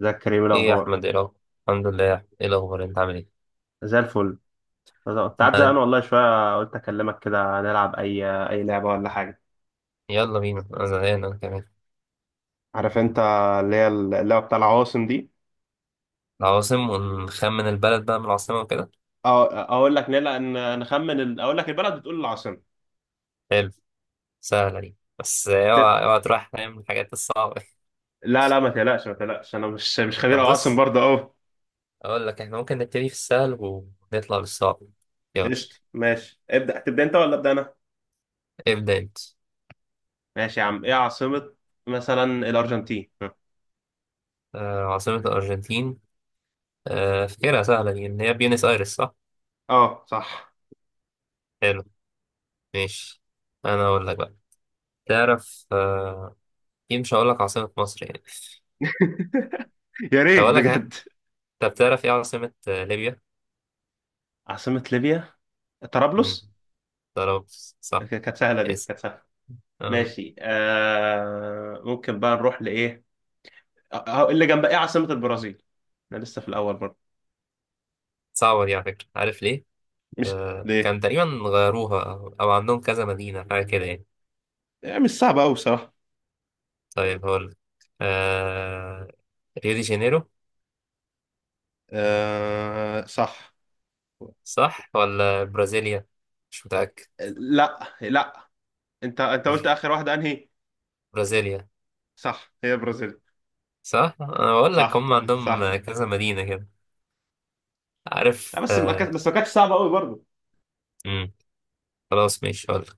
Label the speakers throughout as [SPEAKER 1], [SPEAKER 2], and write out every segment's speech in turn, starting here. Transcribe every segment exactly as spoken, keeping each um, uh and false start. [SPEAKER 1] ازيك يا كريم؟ إيه
[SPEAKER 2] ايه يا
[SPEAKER 1] الاخبار؟
[SPEAKER 2] احمد، ايه الاخبار؟ الحمد لله يا احمد، ايه الاخبار؟ انت عامل ايه؟
[SPEAKER 1] زي الفل. كنت قاعد
[SPEAKER 2] ما
[SPEAKER 1] زهقان والله شويه، قلت اكلمك كده نلعب اي اي لعبه ولا حاجه.
[SPEAKER 2] يلا بينا، انا زهقان انا كمان.
[SPEAKER 1] عارف انت اللي هي اللعبه بتاع العواصم دي؟
[SPEAKER 2] العواصم ونخمن البلد بقى من العاصمه وكده.
[SPEAKER 1] أو اقول لك نلا ان نخمن ال- اقول لك البلد بتقول العاصمه.
[SPEAKER 2] حلو. سهله دي، بس
[SPEAKER 1] ت-
[SPEAKER 2] اوعى اوعى تروح نايم من الحاجات الصعبه.
[SPEAKER 1] لا لا، ما تقلقش ما تقلقش، انا مش مش خبير
[SPEAKER 2] طب
[SPEAKER 1] عواصم
[SPEAKER 2] بص،
[SPEAKER 1] برضه اهو.
[SPEAKER 2] اقول لك احنا ممكن نبتدي في السهل ونطلع للصعب. يلا.
[SPEAKER 1] قشطه ماشي، ابدا تبدا انت ولا ابدا انا؟
[SPEAKER 2] ابدا انت.
[SPEAKER 1] ماشي يا عم، ايه عاصمه مثلا الارجنتين؟
[SPEAKER 2] آه عاصمه الارجنتين، آه فكرة سهله دي، ان هي بيونس ايرس صح.
[SPEAKER 1] اه صح.
[SPEAKER 2] حلو. ماشي. انا اقول لك بقى. تعرف آه ايه، مش هقول لك عاصمه مصر يعني.
[SPEAKER 1] يا
[SPEAKER 2] طب
[SPEAKER 1] ريت
[SPEAKER 2] اقول لك ح-
[SPEAKER 1] بجد.
[SPEAKER 2] طب تعرف ايه عاصمه آه، ليبيا؟
[SPEAKER 1] عاصمه ليبيا
[SPEAKER 2] مم.
[SPEAKER 1] طرابلس.
[SPEAKER 2] ضربت.
[SPEAKER 1] ك-
[SPEAKER 2] صح.
[SPEAKER 1] كانت سهله دي،
[SPEAKER 2] اسم.
[SPEAKER 1] كانت سهله.
[SPEAKER 2] آه.
[SPEAKER 1] ماشي آه، ممكن بقى نروح لإيه، آه، آه، اللي جنب إيه عاصمة البرازيل؟ أنا لسه في الأول برضه.
[SPEAKER 2] صعبة دي على فكرة، عارف ليه؟
[SPEAKER 1] مش
[SPEAKER 2] آه.
[SPEAKER 1] ليه؟
[SPEAKER 2] كان تقريبا غيروها، أو أو عندهم كذا مدينة حاجة كده يعني.
[SPEAKER 1] يعني مش صعب أوي بصراحة.
[SPEAKER 2] طيب هقول. آه. ريو دي جانيرو.
[SPEAKER 1] آه صح.
[SPEAKER 2] صح ولا برازيليا؟ مش متأكد.
[SPEAKER 1] لا لا، أنت أنت قلت
[SPEAKER 2] مش
[SPEAKER 1] آخر واحدة أنهي؟
[SPEAKER 2] برازيليا،
[SPEAKER 1] صح، هي برازيل.
[SPEAKER 2] صح؟ أنا بقول لك
[SPEAKER 1] صح،
[SPEAKER 2] هم
[SPEAKER 1] صح.
[SPEAKER 2] عندهم كذا مدينة كده.
[SPEAKER 1] لا
[SPEAKER 2] عارف
[SPEAKER 1] بس ما
[SPEAKER 2] آه.
[SPEAKER 1] كانت بس ما كانتش صعبة أوي برضه.
[SPEAKER 2] مم. خلاص ماشي هقول لك.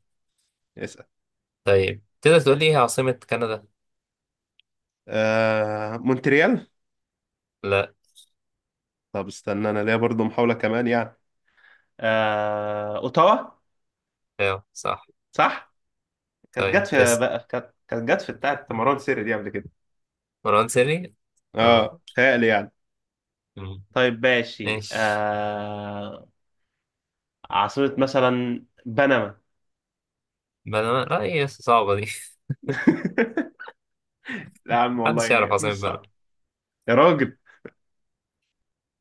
[SPEAKER 1] اسأل.
[SPEAKER 2] طيب تقدر تقول لي إيه عاصمة كندا؟
[SPEAKER 1] آه مونتريال.
[SPEAKER 2] لا.
[SPEAKER 1] طب استنى، أنا ليا برضو محاولة كمان يعني. آه... أوتاوا.
[SPEAKER 2] أيوه صح.
[SPEAKER 1] صح. كانت
[SPEAKER 2] طيب.
[SPEAKER 1] جت في
[SPEAKER 2] اسم.
[SPEAKER 1] بقى، كانت كانت جت في بتاعة مروان سيري دي قبل كده.
[SPEAKER 2] مروان سري؟ اه.
[SPEAKER 1] اه تهيألي يعني.
[SPEAKER 2] مم.
[SPEAKER 1] طيب ماشي
[SPEAKER 2] ماشي.
[SPEAKER 1] آه... عاصمة مثلا بنما.
[SPEAKER 2] بنما؟ لا، هي صعبة دي.
[SPEAKER 1] لا يا عم
[SPEAKER 2] محدش يعرف
[SPEAKER 1] والله مش
[SPEAKER 2] عاصمة
[SPEAKER 1] صعب.
[SPEAKER 2] بنما.
[SPEAKER 1] يا راجل،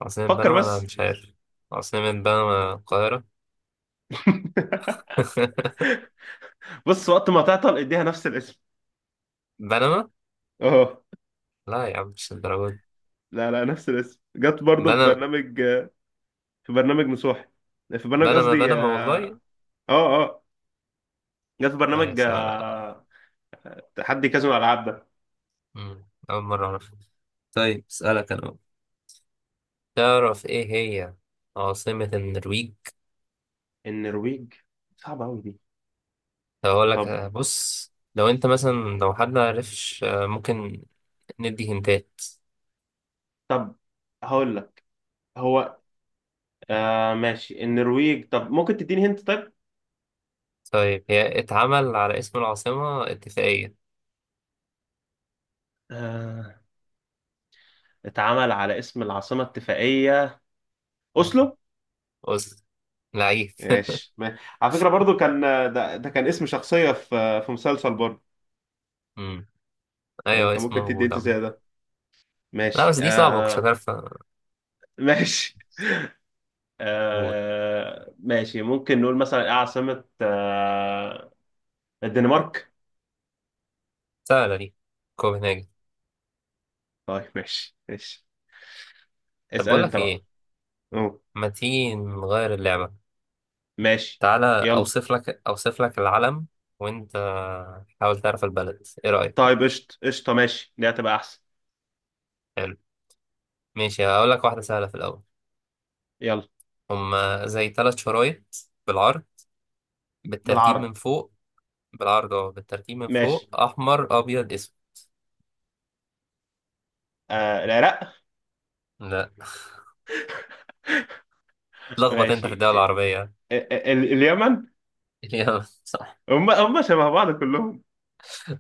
[SPEAKER 2] عاصمة
[SPEAKER 1] فكر
[SPEAKER 2] بنما أنا
[SPEAKER 1] بس.
[SPEAKER 2] مش عارف. عاصمة بنما القاهرة.
[SPEAKER 1] بص، وقت ما تعطل اديها نفس الاسم.
[SPEAKER 2] بنما.
[SPEAKER 1] اه.
[SPEAKER 2] لا يا عم، مش الدرجة دي.
[SPEAKER 1] لا لا، نفس الاسم جت برضه في
[SPEAKER 2] بنما.
[SPEAKER 1] برنامج، في برنامج نصوحي في برنامج،
[SPEAKER 2] بنما
[SPEAKER 1] قصدي
[SPEAKER 2] بنما
[SPEAKER 1] اه.
[SPEAKER 2] والله.
[SPEAKER 1] اه جت في
[SPEAKER 2] لا يا
[SPEAKER 1] برنامج
[SPEAKER 2] سا...
[SPEAKER 1] آه... تحدي كازينو الالعاب ده.
[SPEAKER 2] مم، أول مرة أعرف. طيب أسألك أنا بقى. تعرف إيه هي عاصمة النرويج؟
[SPEAKER 1] النرويج؟ صعبة أوي دي.
[SPEAKER 2] هقول لك
[SPEAKER 1] طب،
[SPEAKER 2] آه، بص، لو أنت مثلا، لو حد معرفش آه، ممكن ندي هنتات.
[SPEAKER 1] طب هقول لك. هو آه ماشي النرويج، طب ممكن تديني هنت طيب؟
[SPEAKER 2] طيب هي اتعمل على اسم العاصمة اتفاقية.
[SPEAKER 1] آه، اتعمل على اسم العاصمة الاتفاقية.
[SPEAKER 2] مم.
[SPEAKER 1] أوسلو.
[SPEAKER 2] أوسلو. لعيب.
[SPEAKER 1] ماشي، ما- على فكرة برضو كان ده، ده كان اسم شخصية في في مسلسل برضو. يعني
[SPEAKER 2] ايوه
[SPEAKER 1] كان
[SPEAKER 2] اسمه
[SPEAKER 1] ممكن تدي
[SPEAKER 2] موجود
[SPEAKER 1] انت
[SPEAKER 2] عم.
[SPEAKER 1] زي ده.
[SPEAKER 2] لا
[SPEAKER 1] ماشي
[SPEAKER 2] بس دي صعبة، مكنتش
[SPEAKER 1] آه.
[SPEAKER 2] هتعرف.
[SPEAKER 1] ماشي،
[SPEAKER 2] اقول.
[SPEAKER 1] آه، ماشي ممكن نقول مثلا إيه عاصمة آه، الدنمارك.
[SPEAKER 2] سهلة دي. كوبنهاجن.
[SPEAKER 1] طيب ماشي ماشي،
[SPEAKER 2] طب
[SPEAKER 1] اسأل
[SPEAKER 2] بقول
[SPEAKER 1] انت
[SPEAKER 2] لك
[SPEAKER 1] بقى.
[SPEAKER 2] ايه،
[SPEAKER 1] أوه.
[SPEAKER 2] ما تيجي نغير اللعبة.
[SPEAKER 1] ماشي.
[SPEAKER 2] تعالى
[SPEAKER 1] يلا.
[SPEAKER 2] اوصف لك اوصف لك العلم، وانت حاول تعرف البلد، ايه رأيك
[SPEAKER 1] طيب
[SPEAKER 2] فيه؟
[SPEAKER 1] قشطة قشطة ماشي، دي هتبقى أحسن.
[SPEAKER 2] حلو. ماشي هقول لك واحدة سهلة في الاول.
[SPEAKER 1] يلا.
[SPEAKER 2] هما زي ثلاث شرايط بالعرض، بالترتيب من
[SPEAKER 1] بالعرض.
[SPEAKER 2] فوق. بالعرض، اه، بالترتيب من
[SPEAKER 1] ماشي.
[SPEAKER 2] فوق، احمر ابيض اسود.
[SPEAKER 1] آه العراق.
[SPEAKER 2] لا، اتلخبط انت في
[SPEAKER 1] ماشي
[SPEAKER 2] الدولة العربية.
[SPEAKER 1] ال- ال- اليمن.
[SPEAKER 2] يلا صح.
[SPEAKER 1] هم، هم شبه بعض كلهم.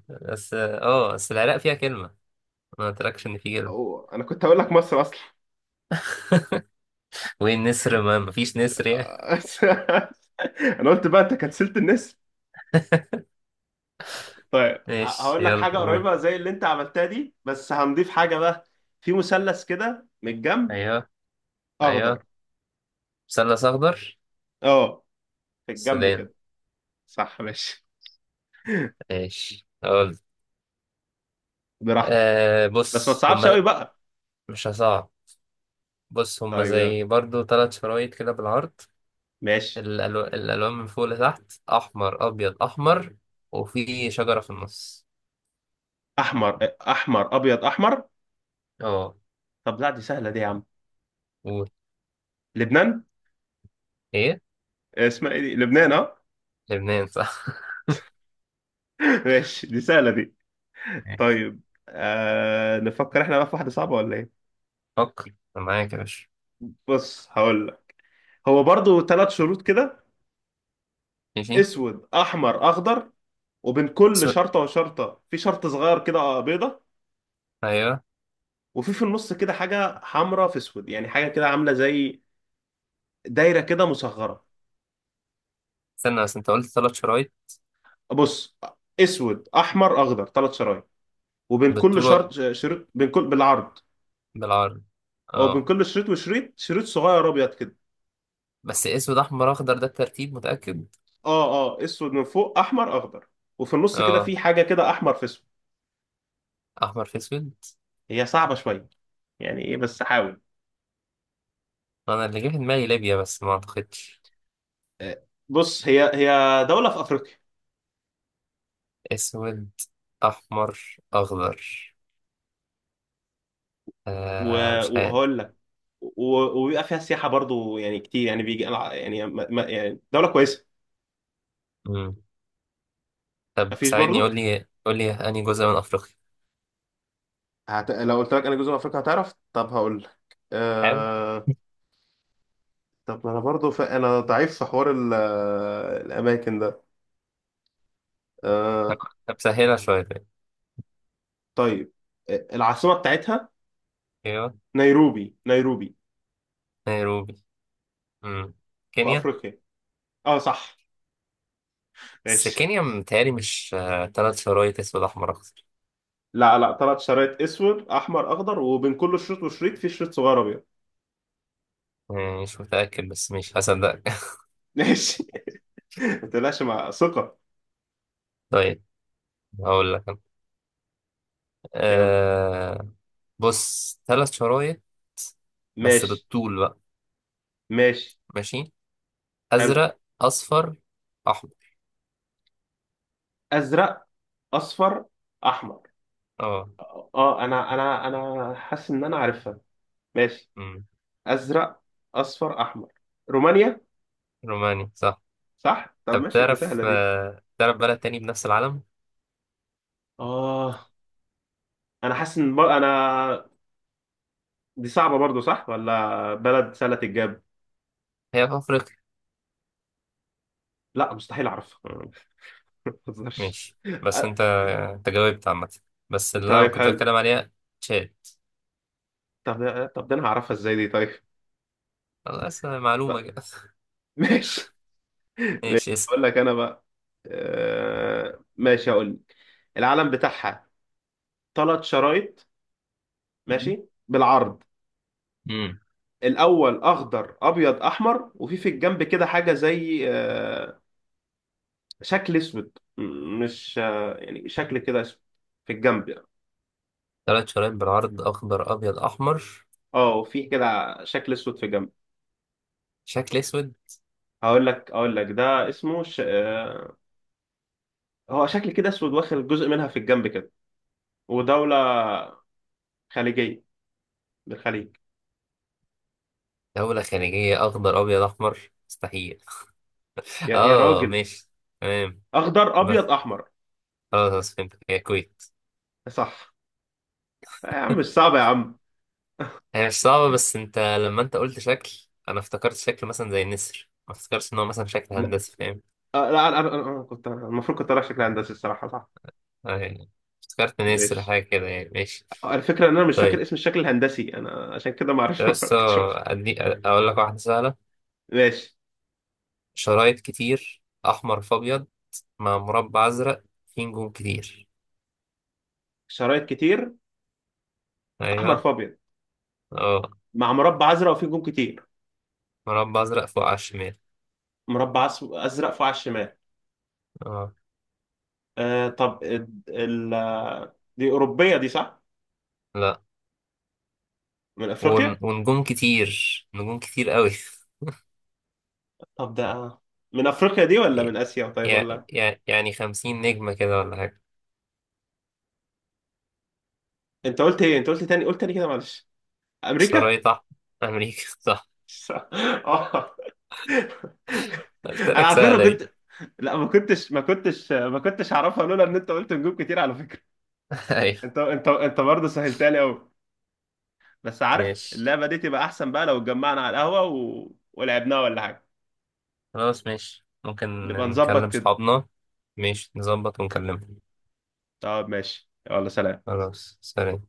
[SPEAKER 2] بس اه آه، بس العراق فيها كلمة، ما قلتلكش ان في كلمة.
[SPEAKER 1] هو انا كنت هقول لك مصر اصلا.
[SPEAKER 2] وين نسر؟ ما مفيش نسر يعني.
[SPEAKER 1] انا قلت بقى انت كنسلت النسر. طيب ه-
[SPEAKER 2] ماشي
[SPEAKER 1] هقول لك
[SPEAKER 2] يلا
[SPEAKER 1] حاجه
[SPEAKER 2] قول.
[SPEAKER 1] قريبه زي اللي انت عملتها دي بس هنضيف حاجه بقى. في مثلث كده من الجنب.
[SPEAKER 2] ايوه.
[SPEAKER 1] اخضر.
[SPEAKER 2] ايوه، مثلث اخضر.
[SPEAKER 1] اه في الجنب
[SPEAKER 2] السودان.
[SPEAKER 1] كده. صح ماشي.
[SPEAKER 2] ماشي. اقول.
[SPEAKER 1] براحتك،
[SPEAKER 2] آه،
[SPEAKER 1] بس ما
[SPEAKER 2] بص
[SPEAKER 1] تصعبش
[SPEAKER 2] هما.
[SPEAKER 1] قوي بقى.
[SPEAKER 2] مش هصعب. بص هما
[SPEAKER 1] طيب يلا.
[SPEAKER 2] زي برضو ثلاث شرايط كده بالعرض.
[SPEAKER 1] ماشي.
[SPEAKER 2] الألو... الالوان من فوق لتحت، احمر ابيض احمر، وفي شجره في النص.
[SPEAKER 1] احمر، احمر ابيض احمر.
[SPEAKER 2] اه.
[SPEAKER 1] طب لا دي سهله دي يا عم.
[SPEAKER 2] قول.
[SPEAKER 1] لبنان.
[SPEAKER 2] ايه؟
[SPEAKER 1] اسمها ايه دي؟ لبنان اه.
[SPEAKER 2] لبنان. صح.
[SPEAKER 1] ماشي دي سهله دي.
[SPEAKER 2] ماشي.
[SPEAKER 1] طيب آه، نفكر احنا بقى في واحده صعبه ولا ايه.
[SPEAKER 2] فكر، أنا معاك يا باشا.
[SPEAKER 1] بص هقول لك، هو برضو ثلاث شروط كده.
[SPEAKER 2] ماشي.
[SPEAKER 1] اسود احمر اخضر، وبين كل
[SPEAKER 2] سو...
[SPEAKER 1] شرطه وشرطه في شرط صغير كده بيضه.
[SPEAKER 2] ايوه.
[SPEAKER 1] وفي في النص كده حاجه حمراء في اسود، يعني حاجه كده عامله زي دايره كده مصغره.
[SPEAKER 2] استنى بس، انت قلت ثلاث شرايط.
[SPEAKER 1] بص، اسود احمر اخضر ثلاث شرايط، وبين كل
[SPEAKER 2] بالطول.
[SPEAKER 1] شرط شريط، بين كل بالعرض.
[SPEAKER 2] بالعرض.
[SPEAKER 1] او بين
[SPEAKER 2] اه.
[SPEAKER 1] كل شريط وشريط شريط صغير ابيض كده.
[SPEAKER 2] بس اسود احمر اخضر ده الترتيب، متأكد؟
[SPEAKER 1] اه، اه اسود من فوق احمر اخضر. وفي النص كده
[SPEAKER 2] اه.
[SPEAKER 1] في حاجه كده احمر في اسود.
[SPEAKER 2] احمر في اسود.
[SPEAKER 1] هي صعبه شويه، يعني ايه بس حاول.
[SPEAKER 2] انا اللي جه في دماغي ليبيا بس ما اعتقدش.
[SPEAKER 1] بص، هي هي دولة في أفريقيا.
[SPEAKER 2] اسود احمر اخضر،
[SPEAKER 1] و-
[SPEAKER 2] آه مش عارف.
[SPEAKER 1] وهقول لك، و- وبيبقى فيها سياحة برضو يعني كتير يعني بيجي، يعني ما ما- يعني دولة كويسة.
[SPEAKER 2] مم. طب
[SPEAKER 1] مفيش
[SPEAKER 2] ساعدني،
[SPEAKER 1] برضو.
[SPEAKER 2] قول لي قول لي انهي جزء من افريقيا.
[SPEAKER 1] هت... لو قلت لك أنا جزء من أفريقيا هتعرف، طب هقول لك
[SPEAKER 2] حاول.
[SPEAKER 1] أه... طب ما أنا برضو ف... أنا ضعيف في حوار ال... آه، الأماكن ده.
[SPEAKER 2] طب
[SPEAKER 1] أه...
[SPEAKER 2] طب سهلها شويه طيب.
[SPEAKER 1] طيب أه، العاصمة بتاعتها
[SPEAKER 2] ايوه.
[SPEAKER 1] نيروبي، نيروبي.
[SPEAKER 2] نيروبي. مم.
[SPEAKER 1] في
[SPEAKER 2] كينيا.
[SPEAKER 1] أفريقيا. أه صح.
[SPEAKER 2] بس
[SPEAKER 1] ماشي.
[SPEAKER 2] كينيا متهيألي مش آه تلات شرايط اسود احمر اخضر.
[SPEAKER 1] لا لا، ثلاث شرايط اسود احمر اخضر، وبين كل شريط وشريط في شريط صغير ابيض.
[SPEAKER 2] يعني مش متأكد بس مش هصدقك.
[SPEAKER 1] ماشي. ما تقلقش مع ثقة.
[SPEAKER 2] طيب هقول لك أنا.
[SPEAKER 1] يلا.
[SPEAKER 2] آه. بص ثلاث شرايط، بس
[SPEAKER 1] ماشي.
[SPEAKER 2] بالطول بقى.
[SPEAKER 1] ماشي.
[SPEAKER 2] ماشي.
[SPEAKER 1] حلو.
[SPEAKER 2] أزرق أصفر. أحمر.
[SPEAKER 1] أزرق أصفر أحمر.
[SPEAKER 2] اه.
[SPEAKER 1] اه، انا انا انا حاسس ان انا عارفها. ماشي.
[SPEAKER 2] أمم،
[SPEAKER 1] ازرق اصفر احمر. رومانيا.
[SPEAKER 2] روماني صح.
[SPEAKER 1] صح طب
[SPEAKER 2] طب
[SPEAKER 1] ماشي دي
[SPEAKER 2] تعرف
[SPEAKER 1] سهله دي.
[SPEAKER 2] آه، تعرف بلد تاني بنفس العلم.
[SPEAKER 1] اه، انا حاسس ان بر... انا دي صعبه برضو صح ولا بلد سهله الجاب.
[SPEAKER 2] هي في أفريقيا.
[SPEAKER 1] لا مستحيل اعرفها. ما بهزرش.
[SPEAKER 2] ماشي
[SPEAKER 1] أ-
[SPEAKER 2] بس أنت. أنت جاوبت عامة. بس اللي أنا
[SPEAKER 1] طيب
[SPEAKER 2] كنت
[SPEAKER 1] حلو.
[SPEAKER 2] بتكلم عليها، تشاد.
[SPEAKER 1] طب طب ده انا هعرفها ازاي دي طيب.
[SPEAKER 2] خلاص معلومة
[SPEAKER 1] طب
[SPEAKER 2] كده.
[SPEAKER 1] ماشي.
[SPEAKER 2] ماشي
[SPEAKER 1] ماشي
[SPEAKER 2] اسأل.
[SPEAKER 1] هقول لك انا بقى. آه، ماشي هقول لك العلم بتاعها ثلاث شرايط، ماشي بالعرض.
[SPEAKER 2] امم.
[SPEAKER 1] الاول اخضر ابيض احمر، وفي في الجنب كده حاجه زي آه، شكل اسود م- مش آه، يعني شكل كده اسود في الجنب يعني.
[SPEAKER 2] ثلاث شرايين بالعرض، أخضر أبيض أحمر.
[SPEAKER 1] اه وفي كده شكل اسود في الجنب.
[SPEAKER 2] شكل أسود.
[SPEAKER 1] هقول لك، اقول لك ده اسمه ش... آه، هو شكل كده اسود واخد جزء منها في الجنب كده. ودوله خليجيه، بالخليج.
[SPEAKER 2] دولة خليجية أخضر أبيض أحمر؟ مستحيل.
[SPEAKER 1] يا، يا
[SPEAKER 2] اه
[SPEAKER 1] راجل.
[SPEAKER 2] ماشي. تمام.
[SPEAKER 1] اخضر
[SPEAKER 2] بس.
[SPEAKER 1] ابيض احمر.
[SPEAKER 2] خلاص فهمت، هي الكويت.
[SPEAKER 1] صح. آه يا عم مش صعب يا عم.
[SPEAKER 2] هي مش صعبة، بس انت لما انت قلت شكل، انا افتكرت شكل مثلا زي النسر، ما افتكرتش ان هو مثلا شكل
[SPEAKER 1] لا
[SPEAKER 2] هندسي، فاهم؟
[SPEAKER 1] آه، لا انا، أنا- أنا كنت المفروض كنت رايح شكل هندسي الصراحه صح.
[SPEAKER 2] اه يعني، افتكرت نسر
[SPEAKER 1] ماشي.
[SPEAKER 2] حاجة كده يعني. ماشي.
[SPEAKER 1] آه، الفكره ان انا مش فاكر
[SPEAKER 2] طيب.
[SPEAKER 1] اسم الشكل الهندسي انا، عشان كده ما اعرفش ما
[SPEAKER 2] بس
[SPEAKER 1] فرقتش ولا-
[SPEAKER 2] ادي اقول لك واحدة سهلة.
[SPEAKER 1] ماشي.
[SPEAKER 2] شرايط كتير احمر في ابيض، مع مربع ازرق فيه نجوم كتير.
[SPEAKER 1] شرايط كتير احمر
[SPEAKER 2] ايوه.
[SPEAKER 1] في ابيض
[SPEAKER 2] اه،
[SPEAKER 1] مع مربع ازرق وفيه جون كتير.
[SPEAKER 2] مربع ازرق فوق على الشمال.
[SPEAKER 1] مربع أس- ازرق فوق على الشمال.
[SPEAKER 2] اه.
[SPEAKER 1] آه طب ال... ال- دي اوروبيه دي صح؟
[SPEAKER 2] لا.
[SPEAKER 1] من
[SPEAKER 2] ون...
[SPEAKER 1] افريقيا.
[SPEAKER 2] ونجوم كتير. نجوم كتير قوي.
[SPEAKER 1] طب ده من افريقيا دي ولا من اسيا طيب،
[SPEAKER 2] يعني
[SPEAKER 1] ولا؟
[SPEAKER 2] يعني خمسين نجمة كده ولا حاجة.
[SPEAKER 1] انت قلت ايه؟ انت قلت تاني، قلت تاني كده معلش. امريكا.
[SPEAKER 2] شرايط أحمر. أمريكا.
[SPEAKER 1] اه.
[SPEAKER 2] قلت
[SPEAKER 1] انا
[SPEAKER 2] لك
[SPEAKER 1] على فكره
[SPEAKER 2] سهلة دي.
[SPEAKER 1] كنت، لا ما كنتش ما كنتش ما كنتش اعرفها لولا ان انت قلت نجوم كتير على فكره. انت
[SPEAKER 2] أيوة.
[SPEAKER 1] انت انت برضه سهلتها لي قوي. بس عارف
[SPEAKER 2] ماشي.
[SPEAKER 1] اللعبه دي تبقى احسن بقى لو اتجمعنا على القهوه و... ولعبناها ولا حاجه.
[SPEAKER 2] خلاص ماشي ممكن
[SPEAKER 1] نبقى نظبط
[SPEAKER 2] نكلم
[SPEAKER 1] كده.
[SPEAKER 2] صحابنا. ماشي نظبط ونكلمهم.
[SPEAKER 1] طب ماشي يلا سلام.
[SPEAKER 2] خلاص سلام.